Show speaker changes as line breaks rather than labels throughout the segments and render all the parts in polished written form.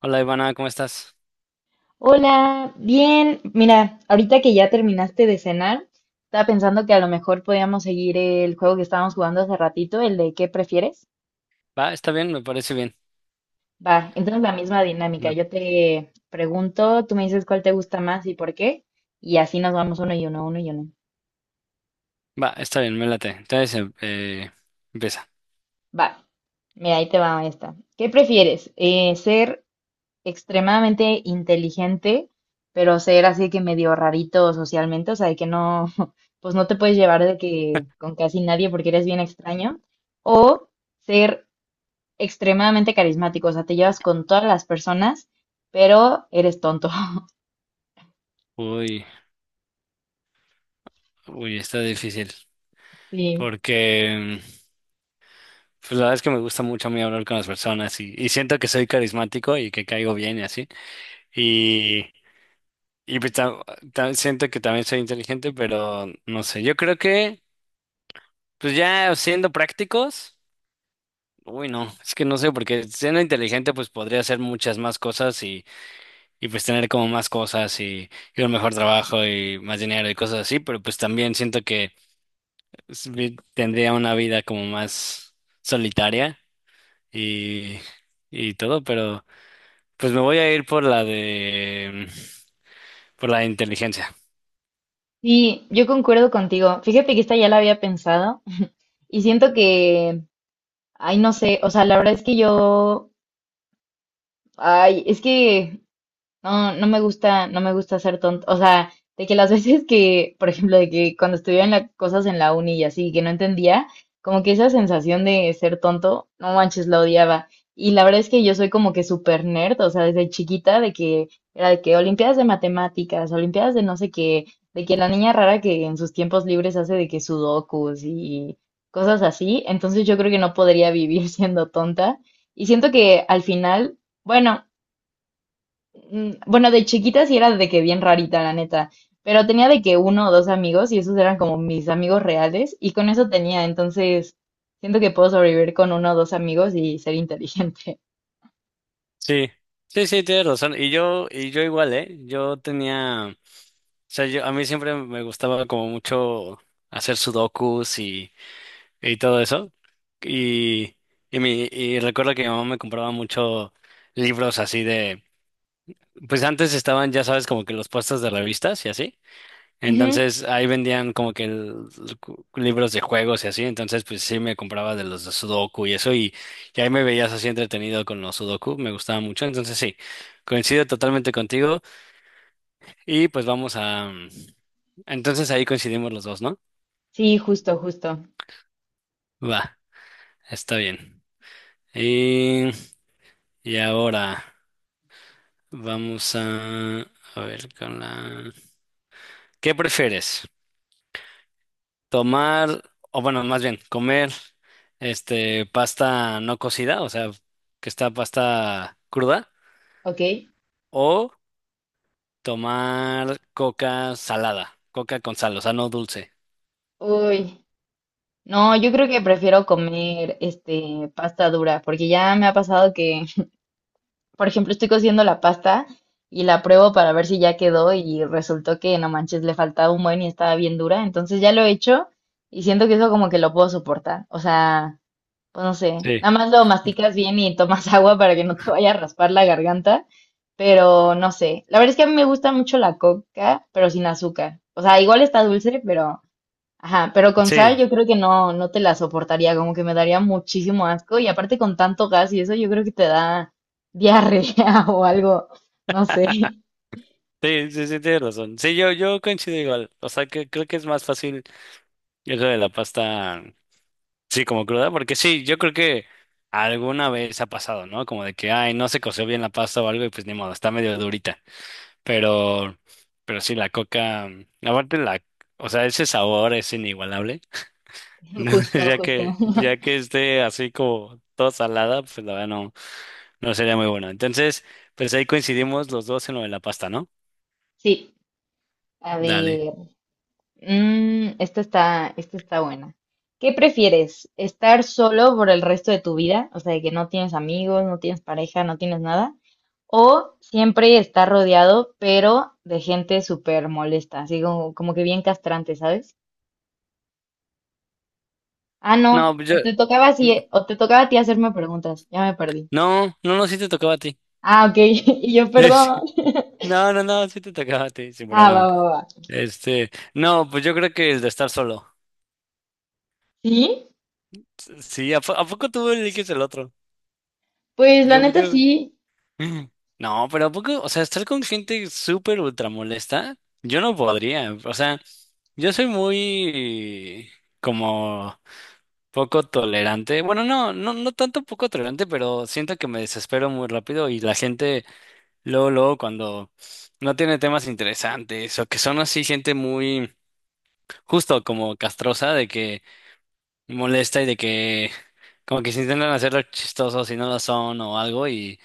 Hola Ivana, ¿cómo estás?
Hola, bien. Mira, ahorita que ya terminaste de cenar, estaba pensando que a lo mejor podíamos seguir el juego que estábamos jugando hace ratito, el de ¿qué prefieres?
Va, está bien, me parece bien.
Va, entonces la misma dinámica.
Me-
Yo te pregunto, tú me dices cuál te gusta más y por qué, y así nos vamos uno y uno, uno y uno.
Va, está bien, me late. Entonces, empieza.
Va, mira, ahí te va esta. ¿Qué prefieres? ¿Ser extremadamente inteligente, pero ser así que medio rarito socialmente, o sea, de que no, pues no te puedes llevar de que con casi nadie porque eres bien extraño, o ser extremadamente carismático, o sea, te llevas con todas las personas, pero eres tonto?
Uy, uy, está difícil.
Sí,
Porque, pues la verdad es que me gusta mucho a mí hablar con las personas y siento que soy carismático y que caigo bien y así. Y, y pues siento que también soy inteligente, pero no sé. Yo creo que, pues ya siendo prácticos, uy, no, es que no sé, porque siendo inteligente, pues podría hacer muchas más cosas y pues tener como más cosas y un mejor trabajo y más dinero y cosas así, pero pues también siento que tendría una vida como más solitaria y, y todo, pero pues me voy a ir por la de por la de inteligencia.
sí, yo concuerdo contigo. Fíjate que esta ya la había pensado y siento que, ay, no sé, o sea, la verdad es que yo, ay, es que no, no me gusta, no me gusta ser tonto. O sea, de que las veces que, por ejemplo, de que cuando estudiaba en las cosas en la uni y así, que no entendía, como que esa sensación de ser tonto, no manches, la odiaba. Y la verdad es que yo soy como que súper nerd, o sea, desde chiquita, de que era de que olimpiadas de matemáticas, olimpiadas de no sé qué, de que la niña rara que en sus tiempos libres hace de que sudokus y cosas así. Entonces yo creo que no podría vivir siendo tonta. Y siento que al final. Bueno, bueno, de chiquita sí era de que bien rarita, la neta, pero tenía de que uno o dos amigos y esos eran como mis amigos reales y con eso tenía, entonces siento que puedo sobrevivir con uno o dos amigos y ser inteligente.
Sí, sí, sí, tienes razón. Y yo igual, ¿eh? Yo tenía, o sea, yo, a mí siempre me gustaba como mucho hacer sudokus y todo eso. Y, y recuerdo que mi mamá me compraba mucho libros así de, pues antes estaban, ya sabes, como que los puestos de revistas y así.
Ujú,
Entonces ahí vendían como que libros de juegos y así. Entonces pues sí me compraba de los de Sudoku y eso. Y ahí me veías así entretenido con los Sudoku. Me gustaba mucho. Entonces sí, coincido totalmente contigo. Y pues entonces ahí coincidimos los dos, ¿no?
sí, justo, justo.
Va, está bien. Y, y ahora... Vamos a, a ver con la... ¿Qué prefieres? ¿Tomar, o bueno, más bien, comer este pasta no cocida, o sea, que está pasta cruda,
Ok.
o tomar coca salada, coca con sal, o sea, no dulce?
Uy, no, yo creo que prefiero comer este pasta dura porque ya me ha pasado que, por ejemplo, estoy cociendo la pasta y la pruebo para ver si ya quedó y resultó que no manches, le faltaba un buen y estaba bien dura. Entonces ya lo he hecho y siento que eso como que lo puedo soportar. O sea, pues no sé,
Sí,
nada más lo masticas bien y tomas agua para que no te vaya a raspar la garganta, pero no sé. La verdad es que a mí me gusta mucho la coca, pero sin azúcar. O sea, igual está dulce, pero ajá, pero con sal
sí,
yo creo que no, no te la soportaría, como que me daría muchísimo asco y aparte con tanto gas y eso yo creo que te da diarrea o algo, no sé,
sí, sí, sí, tienes razón. Sí, yo coincido igual. O sea, que creo que es más fácil eso de la pasta. Sí, como cruda, porque sí, yo creo que alguna vez ha pasado, ¿no? Como de que, ay, no se coció bien la pasta o algo y pues ni modo, está medio durita. Pero, pero sí, la coca, aparte la, o sea, ese sabor es inigualable. ¿No?
justo, justo.
Ya que esté así como toda salada, pues la verdad no, no sería muy bueno. Entonces, pues ahí coincidimos los dos en lo de la pasta, ¿no?
Sí, a
Dale.
ver, esta está buena. ¿Qué prefieres? ¿Estar solo por el resto de tu vida? O sea, de que no tienes amigos, no tienes pareja, no tienes nada. ¿O siempre estar rodeado, pero de gente súper molesta, así como, como que bien castrante, sabes? Ah, no,
No, pues
o
yo,
te tocaba así, o te tocaba a ti hacerme preguntas, ya me perdí.
no, no, no, sí te tocaba a ti.
Ah, ok, y yo, perdón.
No, no, no, sí te tocaba a ti, sin
Ah, va,
problema.
va, va.
Este, no, pues yo creo que el de estar solo.
Sí,
Sí, ¿a, a poco tú eliges el otro?
pues la
Yo,
neta
yo.
sí,
No, pero ¿a poco? O sea, estar con gente súper ultra molesta, yo no podría. O sea, yo soy muy como poco tolerante. Bueno, no, no, no tanto poco tolerante, pero siento que me desespero muy rápido y la gente, luego, luego, cuando no tiene temas interesantes o que son así gente muy justo como castrosa de que molesta y de que como que se intentan hacerlo chistosos y no lo son o algo y,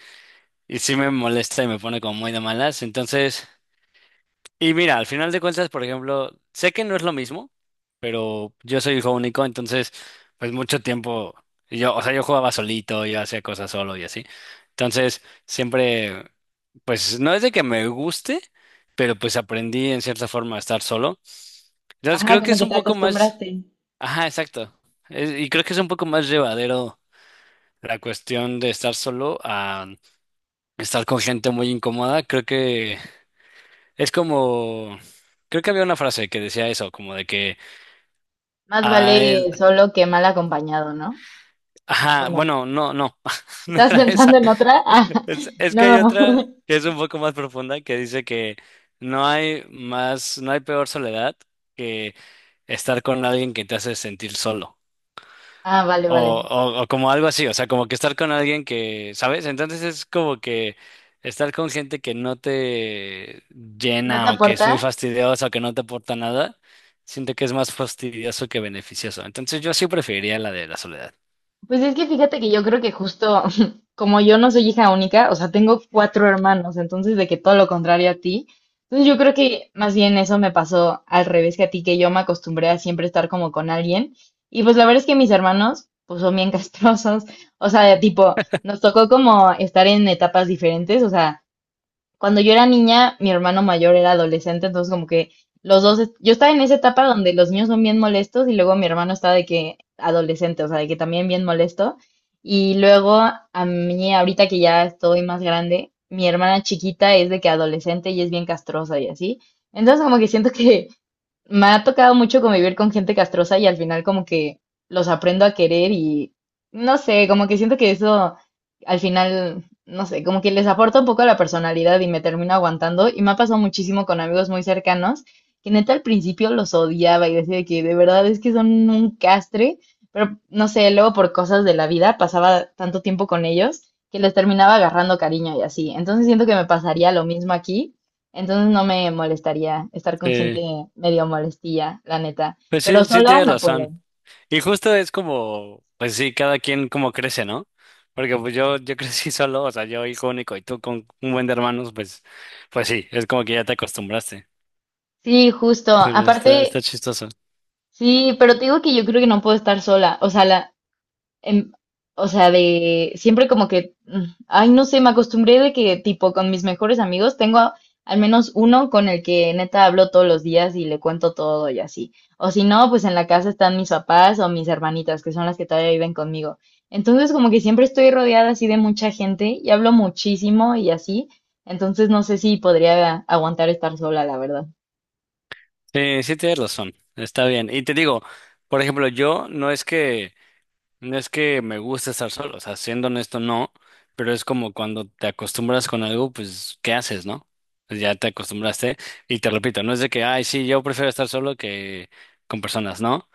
y sí me molesta y me pone como muy de malas. Entonces, y mira, al final de cuentas, por ejemplo, sé que no es lo mismo, pero yo soy hijo único, entonces pues mucho tiempo yo, o sea, yo jugaba solito, yo hacía cosas solo y así. Entonces, siempre, pues no es de que me guste, pero pues aprendí en cierta forma a estar solo. Entonces,
ajá,
creo que
como
es
que
un
te
poco más,
acostumbraste.
ajá, exacto. Y creo que es un poco más llevadero la cuestión de estar solo a estar con gente muy incómoda, creo que es como, creo que había una frase que decía eso, como de que
Más
a él,
vale solo que mal acompañado, ¿no? ¿O
ajá,
no?
bueno, no, no, no
¿Estás
era
pensando
esa.
en otra? Ah,
Es que
no.
hay otra que es un poco más profunda que dice que no hay más, no hay peor soledad que estar con alguien que te hace sentir solo.
Ah, vale, vale.
O como algo así, o sea, como que estar con alguien que, ¿sabes? Entonces es como que estar con gente que no te
¿No te
llena o que es
aporta?
muy fastidiosa o que no te aporta nada, siento que es más fastidioso que beneficioso. Entonces yo sí preferiría la de la soledad.
Pues es que fíjate que yo creo que justo como yo no soy hija única, o sea, tengo cuatro hermanos, entonces de que todo lo contrario a ti. Entonces yo creo que más bien eso me pasó al revés que a ti, que yo me acostumbré a siempre estar como con alguien. Y pues la verdad es que mis hermanos, pues son bien castrosos, o sea, tipo, nos tocó como estar en etapas diferentes, o sea, cuando yo era niña, mi hermano mayor era adolescente, entonces como que los dos, yo estaba en esa etapa donde los niños son bien molestos y luego mi hermano estaba de que adolescente, o sea, de que también bien molesto. Y luego a mí, ahorita que ya estoy más grande, mi hermana chiquita es de que adolescente y es bien castrosa y así. Entonces como que siento que me ha tocado mucho convivir con gente castrosa y al final como que los aprendo a querer y no sé, como que siento que eso al final no sé, como que les aporta un poco a la personalidad y me termino aguantando. Y me ha pasado muchísimo con amigos muy cercanos, que neta al principio los odiaba y decía de que de verdad es que son un castre, pero no sé, luego por cosas de la vida pasaba tanto tiempo con ellos que les terminaba agarrando cariño y así. Entonces siento que me pasaría lo mismo aquí. Entonces no me molestaría estar con gente
Sí,
medio molestilla, la neta.
pues
Pero
sí, sí
sola
tienes
no puedo.
razón. Y justo es como, pues sí, cada quien como crece, ¿no? Porque pues yo crecí solo, o sea, yo hijo único y tú con un buen de hermanos, pues, pues sí, es como que ya te acostumbraste.
Sí, justo.
Pero está, está
Aparte,
chistoso.
sí, pero te digo que yo creo que no puedo estar sola. O sea, la, em, o sea, de siempre como que, ay, no sé, me acostumbré de que tipo con mis mejores amigos tengo al menos uno con el que neta hablo todos los días y le cuento todo y así. O si no, pues en la casa están mis papás o mis hermanitas, que son las que todavía viven conmigo. Entonces como que siempre estoy rodeada así de mucha gente y hablo muchísimo y así. Entonces no sé si podría aguantar estar sola, la verdad.
Sí, sí tienes razón, está bien. Y te digo, por ejemplo, yo no es que, no es que me guste estar solo, o sea, siendo honesto, no, pero es como cuando te acostumbras con algo, pues, ¿qué haces, no? Pues ya te acostumbraste, y te repito, no es de que, ay, sí, yo prefiero estar solo que con personas, ¿no?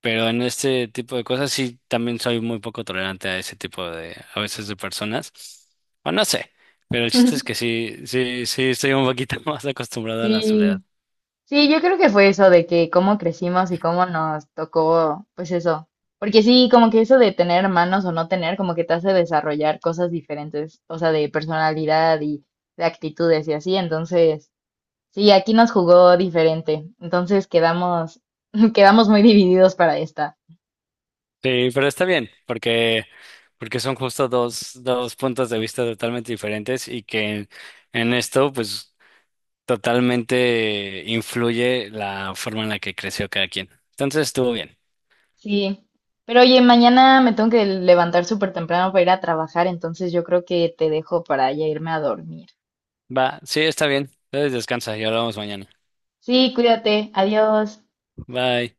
Pero en este tipo de cosas sí también soy muy poco tolerante a ese tipo de, a veces de personas, o no sé, pero el chiste es que sí, sí, sí estoy un poquito más acostumbrado a la soledad.
Sí, sí, yo creo que fue eso de que cómo crecimos y cómo nos tocó, pues eso. Porque sí, como que eso de tener hermanos o no tener, como que te hace desarrollar cosas diferentes, o sea, de personalidad y de actitudes y así. Entonces, sí, aquí nos jugó diferente. Entonces quedamos, quedamos muy divididos para esta.
Sí, pero está bien, porque, porque son justo dos, dos puntos de vista totalmente diferentes y que en esto, pues, totalmente influye la forma en la que creció cada quien. Entonces estuvo bien.
Sí. Pero oye, mañana me tengo que levantar súper temprano para ir a trabajar, entonces yo creo que te dejo para ya irme a dormir.
Va, sí, está bien. Entonces descansa y hablamos mañana.
Sí, cuídate. Adiós.
Bye.